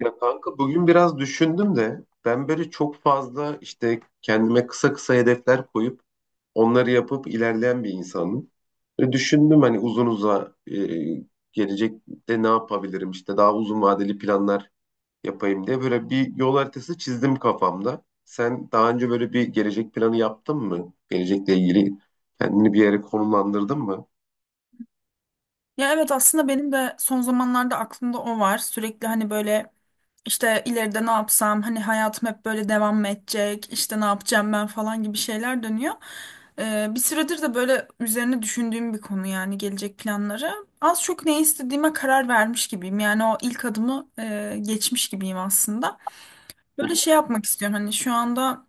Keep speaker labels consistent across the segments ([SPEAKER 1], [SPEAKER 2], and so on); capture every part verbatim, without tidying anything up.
[SPEAKER 1] Ya kanka bugün biraz düşündüm de ben böyle çok fazla işte kendime kısa kısa hedefler koyup onları yapıp ilerleyen bir insanım. Böyle düşündüm hani uzun uza e, gelecekte ne yapabilirim işte daha uzun vadeli planlar yapayım diye böyle bir yol haritası çizdim kafamda. Sen daha önce böyle bir gelecek planı yaptın mı? Gelecekle ilgili kendini bir yere konumlandırdın mı?
[SPEAKER 2] Ya evet aslında benim de son zamanlarda aklımda o var. Sürekli hani böyle işte ileride ne yapsam hani hayatım hep böyle devam mı edecek işte ne yapacağım ben falan gibi şeyler dönüyor. Ee, bir süredir de böyle üzerine düşündüğüm bir konu yani gelecek planları. Az çok ne istediğime karar vermiş gibiyim. Yani o ilk adımı e, geçmiş gibiyim aslında.
[SPEAKER 1] Hı
[SPEAKER 2] Böyle şey yapmak istiyorum hani şu anda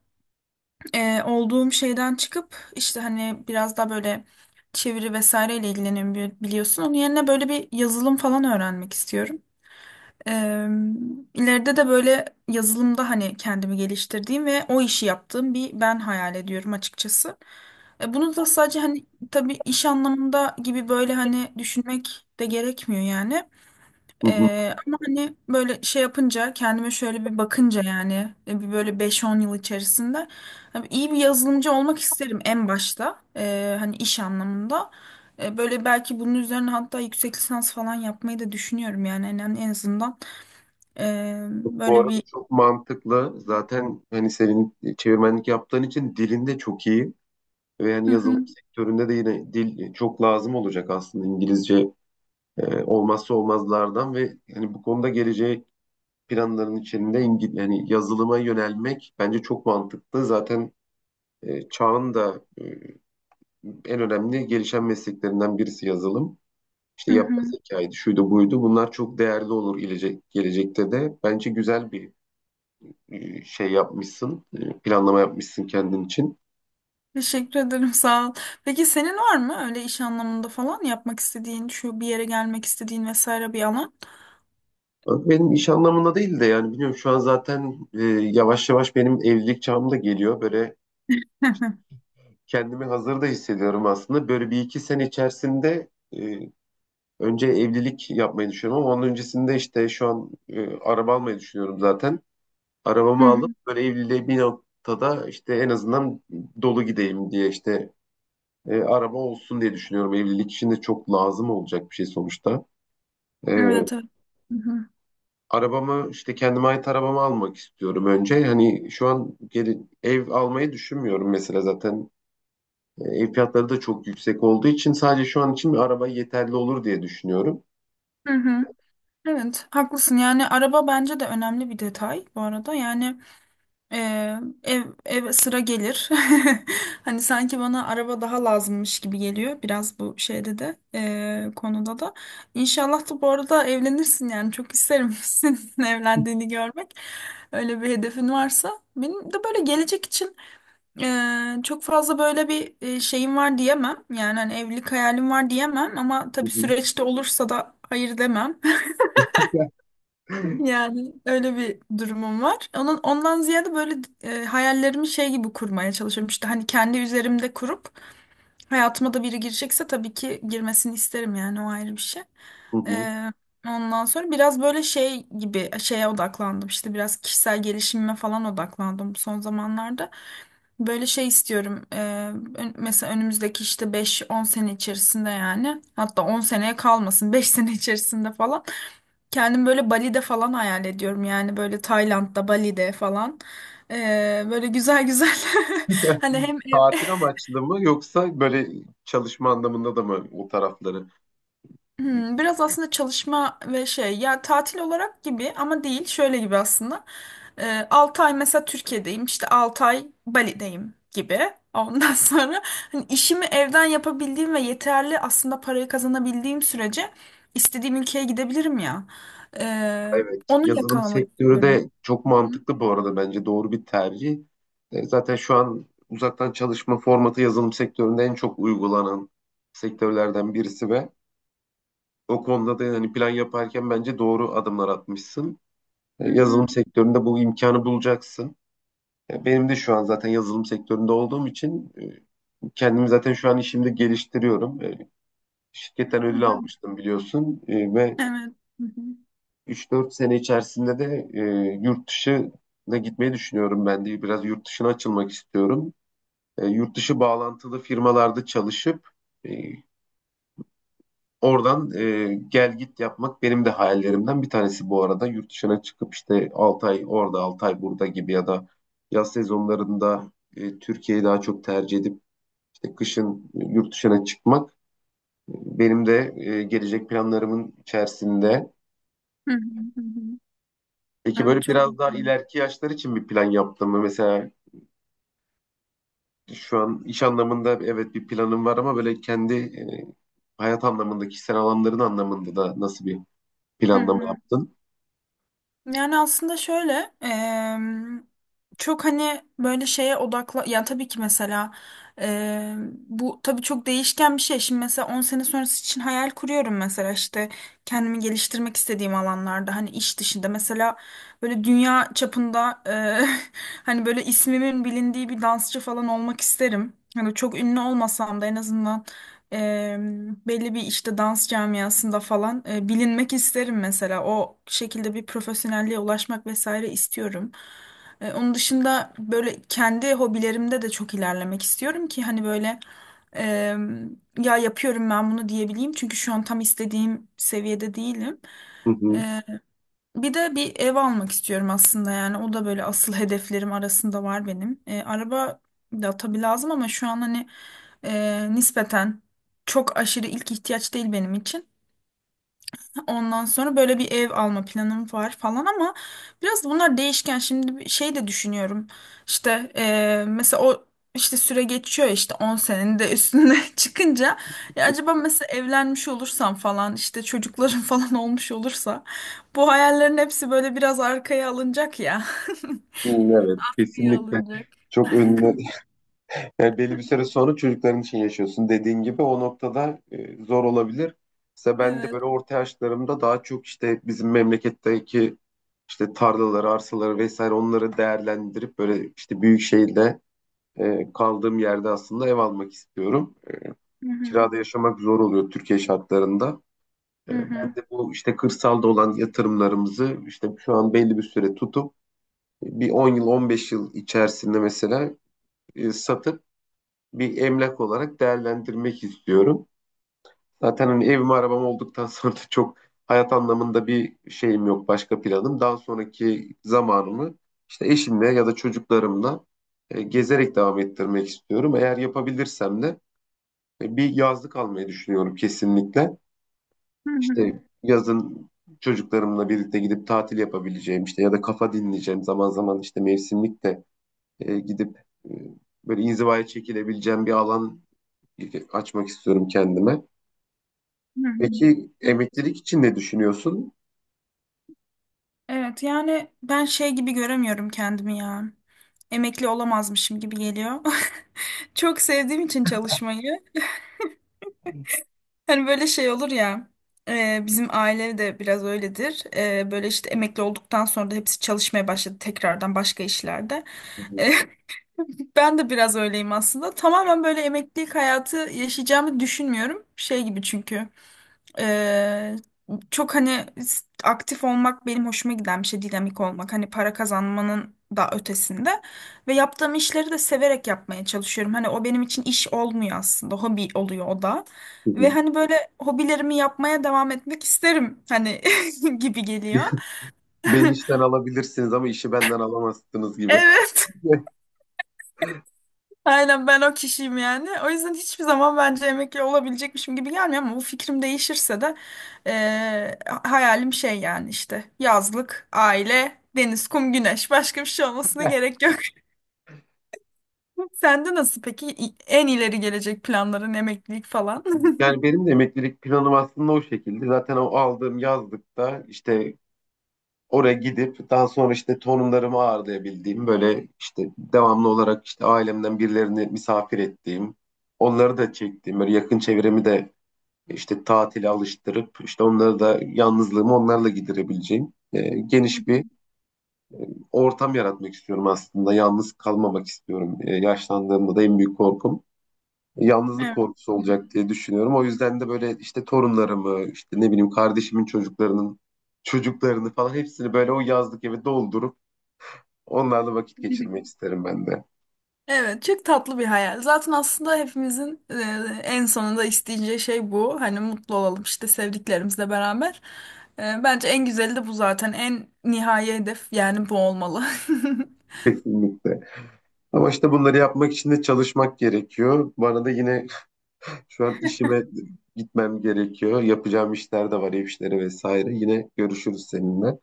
[SPEAKER 2] e, olduğum şeyden çıkıp işte hani biraz daha böyle çeviri vesaireyle ilgileniyorum bili- biliyorsun. Onun yerine böyle bir yazılım falan öğrenmek istiyorum. E, ileride de böyle yazılımda hani kendimi geliştirdiğim ve o işi yaptığım bir ben hayal ediyorum açıkçası. E, bunu da sadece hani tabii iş anlamında gibi böyle hani düşünmek de gerekmiyor yani.
[SPEAKER 1] hı.
[SPEAKER 2] Ee, ama hani böyle şey yapınca kendime şöyle bir bakınca yani e, bir böyle beş-on yıl içerisinde hani iyi bir yazılımcı olmak isterim en başta. Ee, hani iş anlamında. Ee, böyle belki bunun üzerine hatta yüksek lisans falan yapmayı da düşünüyorum yani en, en azından ee,
[SPEAKER 1] Bu
[SPEAKER 2] böyle
[SPEAKER 1] arada
[SPEAKER 2] bir.
[SPEAKER 1] çok mantıklı. Zaten hani senin çevirmenlik yaptığın için dilin de çok iyi ve yani
[SPEAKER 2] Hı
[SPEAKER 1] yazılım
[SPEAKER 2] hı,
[SPEAKER 1] sektöründe de yine dil çok lazım olacak aslında İngilizce e, olmazsa olmazlardan ve hani bu konuda geleceğe planların içinde İngil yani yazılıma yönelmek bence çok mantıklı. Zaten e, çağın da e, en önemli gelişen mesleklerinden birisi yazılım. İşte
[SPEAKER 2] hı
[SPEAKER 1] yapay
[SPEAKER 2] hı.
[SPEAKER 1] zekaydı, şuydu buydu. Bunlar çok değerli olur gelecek, gelecekte de. Bence güzel bir e, şey yapmışsın, e, planlama yapmışsın kendin için.
[SPEAKER 2] Teşekkür ederim, sağ ol. Peki senin var mı öyle iş anlamında falan yapmak istediğin, şu bir yere gelmek istediğin vesaire bir alan?
[SPEAKER 1] Benim iş anlamında değil de yani biliyorum şu an zaten e, yavaş yavaş benim evlilik çağım da geliyor. Böyle
[SPEAKER 2] Hı hı,
[SPEAKER 1] kendimi hazır da hissediyorum aslında. Böyle bir iki sene içerisinde e, önce evlilik yapmayı düşünüyorum ama onun öncesinde işte şu an e, araba almayı düşünüyorum zaten.
[SPEAKER 2] hı
[SPEAKER 1] Arabamı alıp
[SPEAKER 2] hı.
[SPEAKER 1] böyle evliliğe bir noktada işte en azından dolu gideyim diye işte e, araba olsun diye düşünüyorum. Evlilik için de çok lazım olacak bir şey sonuçta. E,
[SPEAKER 2] Evet, evet. Hı hı,
[SPEAKER 1] arabamı işte kendime ait arabamı almak istiyorum önce. Hani şu an geri, ev almayı düşünmüyorum mesela zaten. E, Ev fiyatları da çok yüksek olduğu için sadece şu an için bir araba yeterli olur diye düşünüyorum.
[SPEAKER 2] hı hı. Evet, haklısın. Yani araba bence de önemli bir detay bu arada. Yani e, ev ev sıra gelir. Hani sanki bana araba daha lazımmış gibi geliyor biraz bu şeyde de e, konuda da. İnşallah da bu arada evlenirsin yani çok isterim senin evlendiğini görmek. Öyle bir hedefin varsa. Benim de böyle gelecek için e, çok fazla böyle bir e, şeyim var diyemem. Yani hani evlilik hayalim var diyemem ama
[SPEAKER 1] Hı
[SPEAKER 2] tabii
[SPEAKER 1] hı.
[SPEAKER 2] süreçte olursa da hayır demem. Yani öyle bir durumum var. Onun ondan ziyade böyle e, hayallerimi şey gibi kurmaya çalışıyorum. İşte hani kendi üzerimde kurup hayatıma da biri girecekse tabii ki girmesini isterim yani o ayrı bir şey.
[SPEAKER 1] Hı hı.
[SPEAKER 2] E, Ondan sonra biraz böyle şey gibi şeye odaklandım. İşte biraz kişisel gelişimime falan odaklandım bu son zamanlarda. Böyle şey istiyorum. E, ön- mesela önümüzdeki işte beş on sene içerisinde yani hatta on seneye kalmasın, beş sene içerisinde falan. Kendim böyle Bali'de falan hayal ediyorum yani böyle Tayland'da, Bali'de falan. Ee, böyle güzel güzel hani hem.
[SPEAKER 1] Tatil amaçlı mı yoksa böyle çalışma anlamında da mı o tarafları?
[SPEAKER 2] Hmm, biraz aslında çalışma ve şey ya tatil olarak gibi ama değil şöyle gibi aslında. Ee, altı ay mesela Türkiye'deyim, işte altı ay Bali'deyim gibi. Ondan sonra hani işimi evden yapabildiğim ve yeterli aslında parayı kazanabildiğim sürece istediğim ülkeye gidebilirim ya. Ee,
[SPEAKER 1] Evet,
[SPEAKER 2] Onu
[SPEAKER 1] yazılım
[SPEAKER 2] yakalamak
[SPEAKER 1] sektörü
[SPEAKER 2] istiyorum.
[SPEAKER 1] de çok
[SPEAKER 2] Hı hı,
[SPEAKER 1] mantıklı bu arada bence doğru bir tercih. E, Zaten şu an uzaktan çalışma formatı yazılım sektöründe en çok uygulanan sektörlerden birisi ve o konuda da yani plan yaparken bence doğru adımlar atmışsın. E,
[SPEAKER 2] hı
[SPEAKER 1] Yazılım
[SPEAKER 2] hı,
[SPEAKER 1] sektöründe bu imkanı bulacaksın. E, Benim de şu an zaten yazılım sektöründe olduğum için e, kendimi zaten şu an işimde geliştiriyorum. E, Şirketten
[SPEAKER 2] hı
[SPEAKER 1] ödül
[SPEAKER 2] hı.
[SPEAKER 1] almıştım biliyorsun E, ve
[SPEAKER 2] Evet. Hı hı.
[SPEAKER 1] üç dört sene içerisinde de e, yurt dışına gitmeyi düşünüyorum ben de. Biraz yurt dışına açılmak istiyorum. E, yurt dışı bağlantılı firmalarda çalışıp e, oradan e, gel git yapmak benim de hayallerimden bir tanesi bu arada. Yurt dışına çıkıp işte altı ay orada altı ay burada gibi ya da yaz sezonlarında e, Türkiye'yi daha çok tercih edip işte kışın e, yurt dışına çıkmak e, benim de e, gelecek planlarımın içerisinde.
[SPEAKER 2] Hı hı, hı hı.
[SPEAKER 1] Peki
[SPEAKER 2] Evet,
[SPEAKER 1] böyle
[SPEAKER 2] çok
[SPEAKER 1] biraz daha
[SPEAKER 2] güzel.
[SPEAKER 1] ileriki yaşlar için bir plan yaptın mı? Mesela şu an iş anlamında evet bir planım var ama böyle kendi e, hayat anlamında, kişisel alanların anlamında da nasıl bir
[SPEAKER 2] Hı
[SPEAKER 1] planlama
[SPEAKER 2] hı.
[SPEAKER 1] yaptın?
[SPEAKER 2] Yani aslında şöyle em, çok hani böyle şeye odakla. Ya tabii ki mesela em, bu tabii çok değişken bir şey. Şimdi mesela on sene sonrası için hayal kuruyorum, mesela işte kendimi geliştirmek istediğim alanlarda hani iş dışında mesela böyle dünya çapında e, hani böyle ismimin bilindiği bir dansçı falan olmak isterim. Hani çok ünlü olmasam da en azından e, belli bir işte dans camiasında falan e, bilinmek isterim mesela. O şekilde bir profesyonelliğe ulaşmak vesaire istiyorum. E, onun dışında böyle kendi hobilerimde de çok ilerlemek istiyorum ki hani böyle e, ya yapıyorum ben bunu diyebileyim. Çünkü şu an tam istediğim seviyede değilim.
[SPEAKER 1] Hı hı.
[SPEAKER 2] Bir de bir ev almak istiyorum aslında yani o da böyle asıl hedeflerim arasında var benim. E, araba da tabii lazım ama şu an hani e, nispeten çok aşırı ilk ihtiyaç değil benim için. Ondan sonra böyle bir ev alma planım var falan ama biraz da bunlar değişken. Şimdi bir şey de düşünüyorum. İşte eee, mesela o işte süre geçiyor, işte on senenin de üstüne çıkınca ya acaba mesela evlenmiş olursam falan işte çocuklarım falan olmuş olursa bu hayallerin hepsi böyle biraz arkaya alınacak ya.
[SPEAKER 1] Hı. Evet,
[SPEAKER 2] İyi
[SPEAKER 1] kesinlikle
[SPEAKER 2] alınacak.
[SPEAKER 1] çok önüne. Yani belli bir süre sonra çocukların için yaşıyorsun. Dediğin gibi o noktada e, zor olabilir. Mesela ben de
[SPEAKER 2] Evet.
[SPEAKER 1] böyle orta yaşlarımda daha çok işte bizim memleketteki işte tarlaları, arsaları vesaire onları değerlendirip böyle işte büyük şehirde e, kaldığım yerde aslında ev almak istiyorum. E,
[SPEAKER 2] Hı hı,
[SPEAKER 1] kirada yaşamak zor oluyor Türkiye şartlarında.
[SPEAKER 2] hı
[SPEAKER 1] E, ben
[SPEAKER 2] hı,
[SPEAKER 1] de bu işte kırsalda olan yatırımlarımızı işte şu an belli bir süre tutup bir on yıl, on beş yıl içerisinde mesela e, satıp bir emlak olarak değerlendirmek istiyorum. Zaten hani evim arabam olduktan sonra da çok hayat anlamında bir şeyim yok, başka planım. Daha sonraki zamanımı işte eşimle ya da çocuklarımla e, gezerek devam ettirmek istiyorum. Eğer yapabilirsem de e, bir yazlık almayı düşünüyorum kesinlikle.
[SPEAKER 2] hı hı,
[SPEAKER 1] İşte yazın çocuklarımla birlikte gidip tatil yapabileceğim işte ya da kafa dinleyeceğim zaman zaman işte mevsimlik de e, gidip e, böyle inzivaya çekilebileceğim bir alan açmak istiyorum kendime.
[SPEAKER 2] hı hı.
[SPEAKER 1] Peki emeklilik için ne düşünüyorsun?
[SPEAKER 2] Evet yani ben şey gibi göremiyorum kendimi ya. Emekli olamazmışım gibi geliyor. Çok sevdiğim için çalışmayı. Hani böyle şey olur ya. E, bizim aile de biraz öyledir. E, böyle işte emekli olduktan sonra da hepsi çalışmaya başladı tekrardan başka işlerde.
[SPEAKER 1] Hı hı,
[SPEAKER 2] Ben de biraz öyleyim aslında. Tamamen böyle emeklilik hayatı yaşayacağımı düşünmüyorum. Şey gibi çünkü. Ee, çok hani s- aktif olmak benim hoşuma giden bir şey. Dinamik olmak. Hani para kazanmanın da ötesinde. Ve yaptığım işleri de severek yapmaya çalışıyorum. Hani o benim için iş olmuyor aslında. Hobi oluyor o da.
[SPEAKER 1] hı
[SPEAKER 2] Ve
[SPEAKER 1] hı.
[SPEAKER 2] hani böyle hobilerimi yapmaya devam etmek isterim. Hani gibi geliyor.
[SPEAKER 1] Beni işten alabilirsiniz ama işi benden alamazsınız gibi.
[SPEAKER 2] Evet. Aynen ben o kişiyim yani. O yüzden hiçbir zaman bence emekli olabilecekmişim gibi gelmiyor ama bu fikrim değişirse de eee, hayalim şey yani işte yazlık, aile, deniz, kum, güneş, başka bir şey olmasına gerek yok. Sende nasıl peki? İ- en ileri gelecek planların emeklilik falan?
[SPEAKER 1] Yani benim de emeklilik planım aslında o şekilde. Zaten o aldığım yazlıkta işte oraya gidip daha sonra işte torunlarımı ağırlayabildiğim böyle işte devamlı olarak işte ailemden birilerini misafir ettiğim, onları da çektiğim böyle yakın çevremi de işte tatile alıştırıp işte onları da yalnızlığımı onlarla giderebileceğim e, geniş bir ortam yaratmak istiyorum aslında. Yalnız kalmamak istiyorum. E, yaşlandığımda da en büyük korkum yalnızlık korkusu olacak diye düşünüyorum. O yüzden de böyle işte torunlarımı, işte ne bileyim kardeşimin çocuklarının çocuklarını falan hepsini böyle o yazlık eve doldurup onlarla vakit
[SPEAKER 2] Evet.
[SPEAKER 1] geçirmek isterim ben de.
[SPEAKER 2] Evet, çok tatlı bir hayal. Zaten aslında hepimizin e, en sonunda isteyeceği şey bu. Hani mutlu olalım işte sevdiklerimizle beraber. E, bence en güzeli de bu zaten. En nihai hedef yani bu olmalı.
[SPEAKER 1] Kesinlikle. Ama işte bunları yapmak için de çalışmak gerekiyor. Bana da yine şu an işime gitmem gerekiyor. Yapacağım işler de var, ev işleri vesaire. Yine görüşürüz seninle.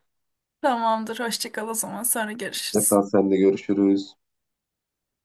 [SPEAKER 2] Tamamdır, hoşça kal o zaman. Sonra görüşürüz.
[SPEAKER 1] Tekrar seninle görüşürüz.